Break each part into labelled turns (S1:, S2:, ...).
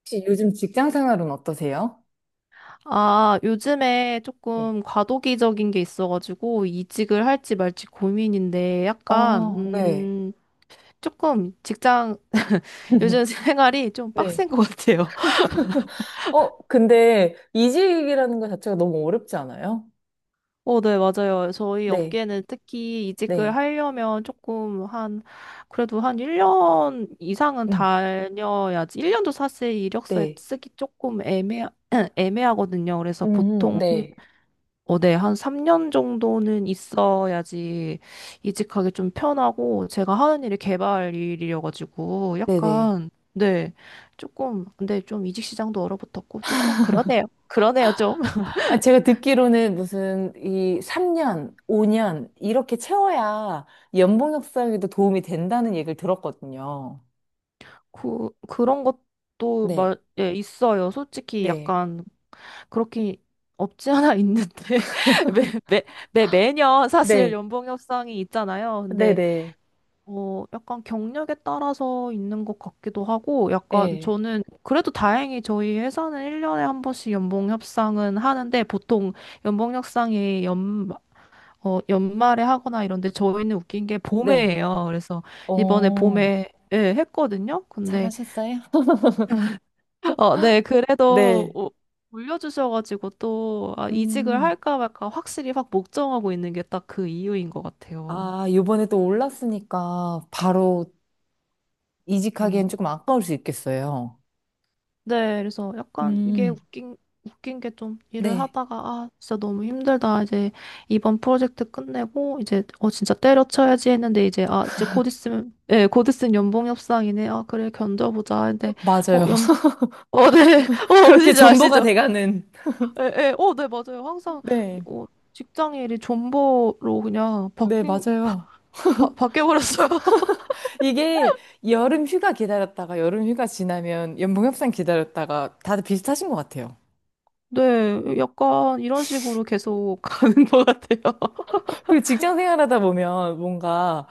S1: 혹시 요즘 직장 생활은 어떠세요?
S2: 아, 요즘에
S1: 네.
S2: 조금 과도기적인 게 있어가지고 이직을 할지 말지 고민인데 약간,
S1: 어, 네.
S2: 조금 직장, 요즘 생활이 좀
S1: 네.
S2: 빡센 것 같아요.
S1: 어, 근데 이직이라는 것 자체가 너무 어렵지 않아요?
S2: 어, 네, 맞아요. 저희
S1: 네.
S2: 업계는 특히 이직을
S1: 네.
S2: 하려면 조금 한, 그래도 한 1년 이상은
S1: 음,
S2: 다녀야지. 1년도 사실 이력서에
S1: 네.
S2: 쓰기 조금 애매하거든요. 그래서 보통
S1: 네.
S2: 어, 네, 한 3년 정도는 있어야지 이직하기 좀 편하고, 제가 하는 일이 개발 일이어가지고,
S1: 네네.
S2: 약간, 네, 조금, 근데 좀 이직 시장도 얼어붙었고, 조금 그러네요. 그러네요, 좀.
S1: 아, 제가 듣기로는 무슨 이 3년, 5년 이렇게 채워야 연봉 협상에도 도움이 된다는 얘기를 들었거든요.
S2: 그런 것도,
S1: 네.
S2: 예, 있어요. 솔직히
S1: 네.
S2: 약간, 그렇게 없지 않아 있는데, 매, 매, 매년 사실
S1: 네.
S2: 연봉 협상이 있잖아요. 근데,
S1: 네네.
S2: 약간 경력에 따라서 있는 것 같기도 하고, 약간
S1: 네.
S2: 저는 그래도 다행히 저희 회사는 1년에 한 번씩 연봉 협상은 하는데, 보통 연봉 협상이 연말에 하거나 이런데, 저희는 웃긴 게 봄에
S1: 네.
S2: 해요. 그래서 이번에
S1: 어,
S2: 봄에, 예, 했거든요. 근데,
S1: 잘하셨어요?
S2: 어, 네, 그래도
S1: 네.
S2: 올려주셔가지고 또, 아, 이직을
S1: 음.
S2: 할까 말까 확실히 확 목정하고 있는 게 딱 그 이유인 것 같아요.
S1: 아, 요번에 또 올랐으니까 바로 이직하기엔
S2: 음.
S1: 조금 아까울 수 있겠어요.
S2: 네, 그래서 약간 이게
S1: 음,
S2: 웃긴 게 좀 일을
S1: 네.
S2: 하다가, 아, 진짜 너무 힘들다. 이제 이번 프로젝트 끝내고, 이제, 진짜 때려쳐야지 했는데, 이제, 아, 이제 곧 있으면, 예, 곧 있으면 연봉 협상이네. 아, 그래, 견뎌보자. 근데, 어,
S1: 맞아요.
S2: 연, 네,
S1: 그렇게
S2: 아시죠,
S1: 존버가
S2: 아시죠?
S1: 돼가는.
S2: 예, 예, 네, 맞아요. 항상,
S1: 네.
S2: 어, 직장 일이 존버로 그냥
S1: 네, 맞아요.
S2: 바뀌어버렸어요.
S1: 이게 여름 휴가 기다렸다가 여름 휴가 지나면 연봉 협상 기다렸다가 다들 비슷하신 것 같아요.
S2: 네, 약간 이런 식으로 계속 가는 것 같아요.
S1: 그리고 직장 생활하다 보면 뭔가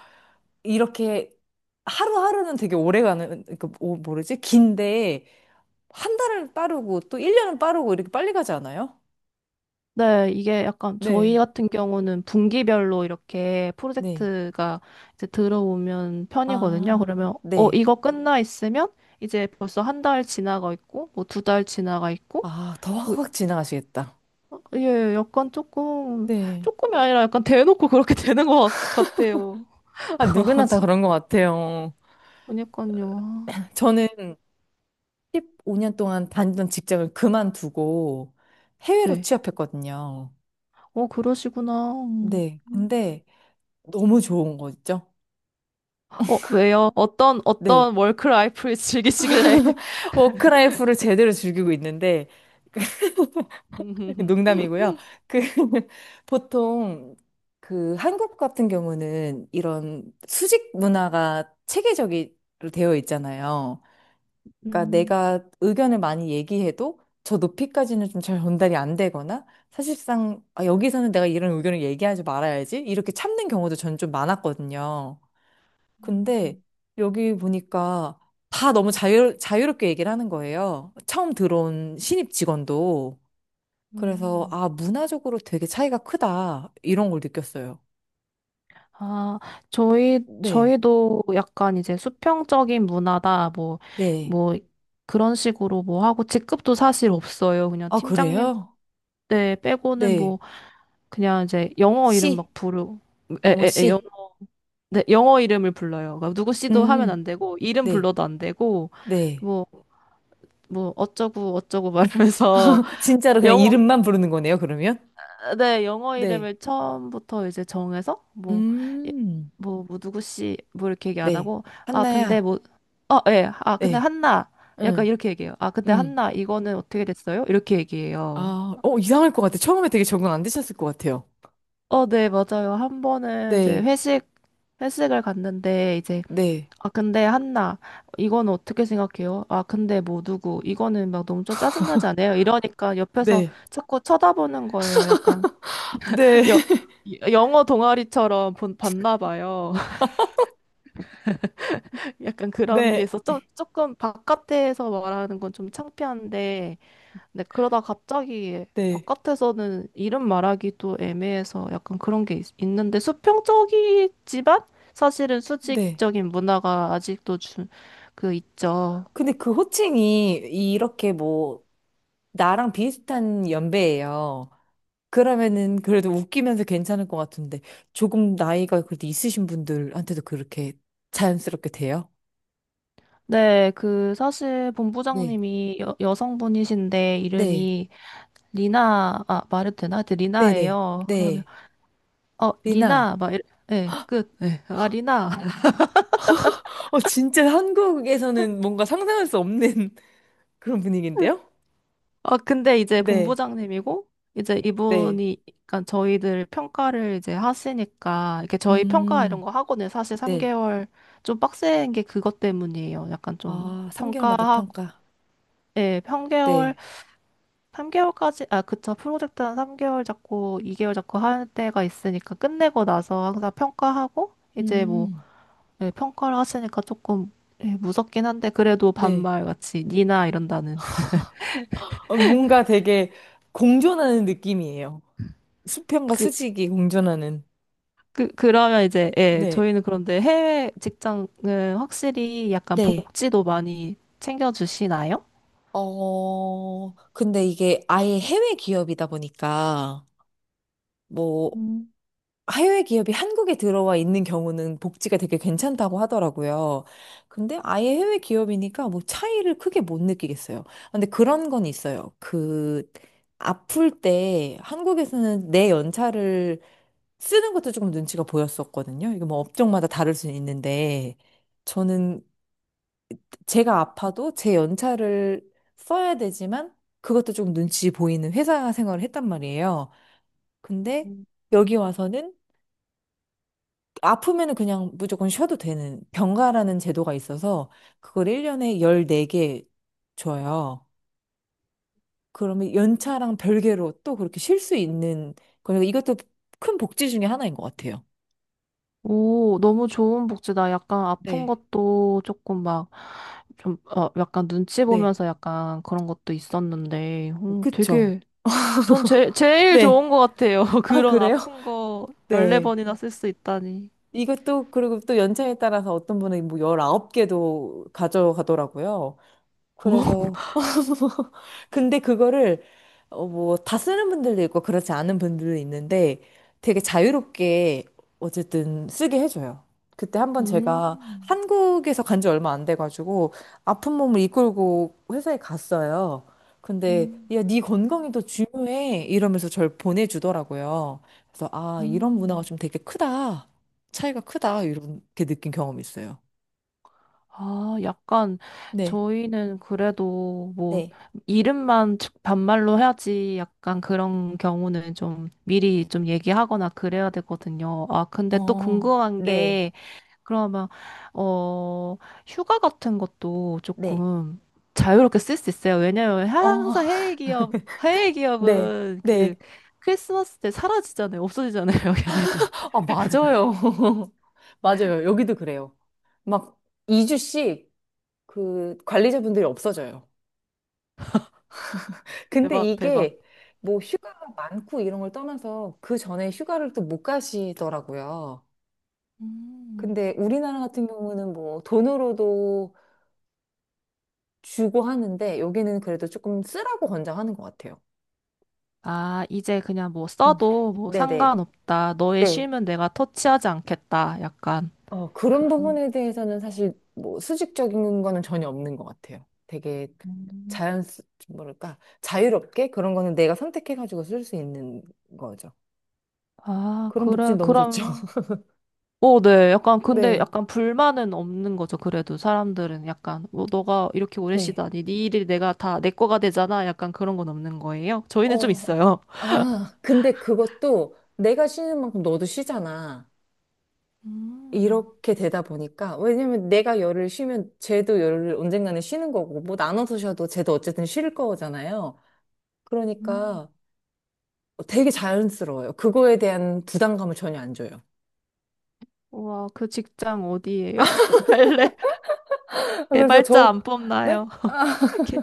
S1: 이렇게 하루하루는 되게 오래 가는, 그, 뭐지? 긴데 한 달은 빠르고 또 1년은 빠르고 이렇게 빨리 가지 않아요?
S2: 네, 이게 약간 저희
S1: 네.
S2: 같은 경우는 분기별로 이렇게
S1: 네.
S2: 프로젝트가 이제 들어오면 편이거든요.
S1: 아,
S2: 그러면
S1: 네.
S2: 이거 끝나 있으면 이제 벌써 한 달 지나가 있고 뭐 두 달 지나가 있고
S1: 아, 더
S2: 그
S1: 확확 지나가시겠다.
S2: 예, 약간 조금
S1: 네.
S2: 조금이 아니라 약간 대놓고 그렇게 되는 것 같아요.
S1: 아, 누구나 다 그런 것 같아요.
S2: 그러니까요.
S1: 저는 15년 동안 다니던 직장을 그만두고 해외로
S2: 네.
S1: 취업했거든요.
S2: 그러시구나. 음.
S1: 네. 근데 너무 좋은 거 있죠?
S2: 왜요? 어떤
S1: 네.
S2: 어떤 워크라이프를 즐기시길래?
S1: 워크라이프를 제대로 즐기고 있는데,
S2: 음.
S1: 농담이고요. 그, 보통, 그, 한국 같은 경우는 이런 수직 문화가 체계적으로 되어 있잖아요. 그러니까
S2: 음.
S1: 내가 의견을 많이 얘기해도 저 높이까지는 좀 잘 전달이 안 되거나 사실상 아, 여기서는 내가 이런 의견을 얘기하지 말아야지 이렇게 참는 경우도 전 좀 많았거든요. 근데 여기 보니까 다 너무 자유롭게 얘기를 하는 거예요. 처음 들어온 신입 직원도. 그래서
S2: 음.
S1: 아, 문화적으로 되게 차이가 크다. 이런 걸 느꼈어요.
S2: 아,
S1: 네.
S2: 저희도 약간 이제 수평적인 문화다, 뭐,
S1: 네.
S2: 뭐, 그런 식으로 뭐 하고, 직급도 사실 없어요. 그냥
S1: 아,
S2: 팀장님
S1: 그래요?
S2: 때 빼고는
S1: 네.
S2: 뭐, 그냥 이제 영어 이름
S1: 씨.
S2: 막 부르, 에,
S1: 뭐뭐
S2: 에, 에, 영,
S1: 씨.
S2: 네, 영어 이름을 불러요. 그러니까 누구 씨도 하면
S1: 음.
S2: 안 되고, 이름
S1: 네.
S2: 불러도 안 되고,
S1: 네.
S2: 뭐, 뭐, 어쩌고, 어쩌고 말하면서,
S1: 진짜로 그냥
S2: 영어
S1: 이름만 부르는 거네요, 그러면?
S2: 네, 영어
S1: 네.
S2: 이름을 처음부터 이제 정해서 뭐, 예,
S1: 음,
S2: 뭐, 뭐 누구 씨, 뭐 이렇게 얘기 안
S1: 네.
S2: 하고, 아, 근데
S1: 한나야.
S2: 뭐, 어, 예, 아, 근데
S1: 네.
S2: 한나, 약간
S1: 응,
S2: 이렇게 얘기해요. 아, 근데
S1: 응.
S2: 한나, 이거는 어떻게 됐어요? 이렇게 얘기해요.
S1: 아, 어, 이상할 것 같아. 처음에 되게 적응 안 되셨을 것 같아요.
S2: 네, 맞아요. 한 번은 이제
S1: 네,
S2: 회식을 갔는데, 이제,
S1: 네,
S2: 아, 근데 한나, 이건 어떻게 생각해요? 아, 근데 뭐 누구, 이거는 막 너무 좀 짜증나지 않아요? 이러니까 옆에서
S1: 네,
S2: 자꾸 쳐다보는 거예요. 약간.
S1: 네,
S2: 여, 영어 동아리처럼 봤나 봐요. 약간 그런 게
S1: 네,
S2: 있어. 좀, 조금 바깥에서 말하는 건 좀 창피한데, 근데 그러다 갑자기
S1: 네,
S2: 바깥에서는 이름 말하기도 애매해서 약간 그런 게 있는데 수평적이지만 사실은
S1: 네.
S2: 수직적인 문화가 아직도 그 있죠.
S1: 근데 그 호칭이 이렇게 뭐, 나랑 비슷한 연배예요. 그러면은 그래도 웃기면서 괜찮을 것 같은데, 조금 나이가 그래도 있으신 분들한테도 그렇게 자연스럽게 돼요?
S2: 네, 그 사실
S1: 네,
S2: 본부장님이 여성분이신데
S1: 네.
S2: 이름이 리나, 아, 말해도 되나? 하여튼
S1: 네네.
S2: 리나예요.
S1: 네. 리나.
S2: 리나, 막, 이래. 예, 끝. 예, 아, 리나.
S1: 어, 진짜 한국에서는 뭔가 상상할 수 없는 그런 분위기인데요?
S2: 아, 근데 이제
S1: 네.
S2: 본부장님이고, 이제
S1: 네.
S2: 이분이, 그러니까 저희들 평가를 이제 하시니까, 이렇게 저희 평가 이런
S1: 음.
S2: 거 하고는 사실
S1: 네.
S2: 3개월 좀 빡센 게 그것 때문이에요. 약간 좀
S1: 아, 3개월마다
S2: 평가하고,
S1: 평가.
S2: 예,
S1: 네.
S2: 3개월까지, 아, 그쵸. 프로젝트 한 3개월 잡고, 2개월 잡고 할 때가 있으니까 끝내고 나서 항상 평가하고, 이제 뭐
S1: 음.
S2: 네, 평가를 하시니까 조금 예, 무섭긴 한데 그래도
S1: 네.
S2: 반말같이 니나 이런다는
S1: 어, 뭔가 되게 공존하는 느낌이에요. 수평과
S2: 그,
S1: 수직이 공존하는.
S2: 그러면 이제 예,
S1: 네.
S2: 저희는 그런데 해외 직장은 확실히 약간
S1: 네.
S2: 복지도 많이 챙겨주시나요?
S1: 어, 근데 이게 아예 해외 기업이다 보니까, 뭐, 해외 기업이 한국에 들어와 있는 경우는 복지가 되게 괜찮다고 하더라고요. 근데 아예 해외 기업이니까 뭐 차이를 크게 못 느끼겠어요. 근데 그런 건 있어요. 그, 아플 때 한국에서는 내 연차를 쓰는 것도 조금 눈치가 보였었거든요. 이게 뭐 업종마다 다를 수 있는데, 저는 제가 아파도 제 연차를 써야 되지만, 그것도 좀 눈치 보이는 회사 생활을 했단 말이에요. 근데 여기 와서는 아프면은 그냥 무조건 쉬어도 되는 병가라는 제도가 있어서 그걸 1년에 14개 줘요. 그러면 연차랑 별개로 또 그렇게 쉴 수 있는 거니까 이것도 큰 복지 중에 하나인 것 같아요.
S2: 오, 너무 좋은 복지다. 약간 아픈
S1: 네.
S2: 것도 조금 막, 좀, 약간 눈치
S1: 네.
S2: 보면서 약간 그런 것도 있었는데, 오,
S1: 그쵸.
S2: 되게, 전 제일
S1: 네.
S2: 좋은 것 같아요.
S1: 아,
S2: 그런
S1: 그래요?
S2: 아픈 거
S1: 네.
S2: 14번이나 쓸 수 있다니.
S1: 이것도 그리고 또 연차에 따라서 어떤 분은 뭐 19개도 가져가더라고요.
S2: 오,
S1: 그래서 근데 그거를 어 뭐 다 쓰는 분들도 있고 그렇지 않은 분들도 있는데 되게 자유롭게 어쨌든 쓰게 해줘요. 그때 한번 제가
S2: 음.
S1: 한국에서 간지 얼마 안 돼가지고 아픈 몸을 이끌고 회사에 갔어요. 근데
S2: 음,
S1: 야, 네 건강이 더 중요해 이러면서 저를 보내주더라고요. 그래서 아 이런 문화가
S2: 음.
S1: 좀 되게 크다 차이가 크다 이렇게 느낀 경험이 있어요.
S2: 아, 약간
S1: 네.
S2: 저희는 그래도 뭐
S1: 네.
S2: 이름만 즉 반말로 해야지 약간 그런 경우는 좀 미리 좀 얘기하거나 그래야 되거든요. 아, 근데 또
S1: 어,
S2: 궁금한
S1: 네.
S2: 게 그러면 어 휴가 같은 것도
S1: 네.
S2: 조금 자유롭게 쓸 수 있어요. 왜냐면
S1: 어,
S2: 항상 해외
S1: 네,
S2: 기업은 그
S1: 네.
S2: 크리스마스 때 사라지잖아요. 없어지잖아요, 걔네들.
S1: 아, 맞아요. 맞아요. 여기도 그래요. 막 2주씩 그 관리자분들이 없어져요. 근데
S2: 대박, 대박.
S1: 이게 뭐 휴가가 많고 이런 걸 떠나서 그 전에 휴가를 또 못 가시더라고요.
S2: 음.
S1: 근데 우리나라 같은 경우는 뭐 돈으로도 주고 하는데 여기는 그래도 조금 쓰라고 권장하는 것 같아요.
S2: 아, 이제 그냥 뭐
S1: 음.
S2: 써도 뭐
S1: 네네.
S2: 상관없다. 너의
S1: 네. 네.
S2: 쉼은 내가 터치하지 않겠다. 약간
S1: 어, 그런
S2: 그런.
S1: 부분에 대해서는 사실 뭐 수직적인 거는 전혀 없는 것 같아요. 되게
S2: 음.
S1: 자연, 뭐랄까, 자유롭게 그런 거는 내가 선택해가지고 쓸 수 있는 거죠.
S2: 아,
S1: 그런
S2: 그래.
S1: 복지는 너무 좋죠.
S2: 그럼. 어, 네. 약간 근데
S1: 네,
S2: 약간 불만은 없는 거죠. 그래도 사람들은 약간 뭐 너가 이렇게 오래
S1: 네.
S2: 쉬다니 네 일이 내가 다 내 거가 되잖아. 약간 그런 건 없는 거예요. 저희는 좀
S1: 어,
S2: 있어요.
S1: 아, 근데 그것도 내가 쉬는 만큼 너도 쉬잖아.
S2: 음.
S1: 이렇게 되다 보니까, 왜냐면 내가 열을 쉬면 쟤도 열을 언젠가는 쉬는 거고, 뭐 나눠서 쉬어도 쟤도 어쨌든 쉴 거잖아요.
S2: 음.
S1: 그러니까 되게 자연스러워요. 그거에 대한 부담감을 전혀 안 줘요.
S2: 우와, 그 직장 어디예요? 또 갈래?
S1: 그래서
S2: 개발자
S1: 저,
S2: 안
S1: 네?
S2: 뽑나요?
S1: 아,
S2: 개-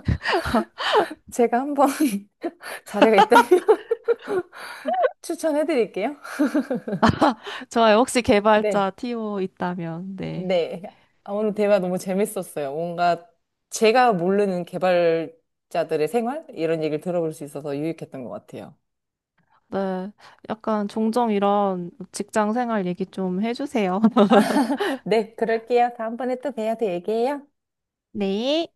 S1: 제가 한번 자리가 있다면 추천해 드릴게요.
S2: 좋아요. 혹시
S1: 네.
S2: 개발자 TO 있다면, 네.
S1: 네. 아, 오늘 대화 너무 재밌었어요. 뭔가 제가 모르는 개발자들의 생활? 이런 얘기를 들어볼 수 있어서 유익했던 것 같아요.
S2: 네. 약간 종종 이런 직장 생활 얘기 좀 해주세요.
S1: 네, 그럴게요. 다음번에 또 뵈요. 또 얘기해요.
S2: 네.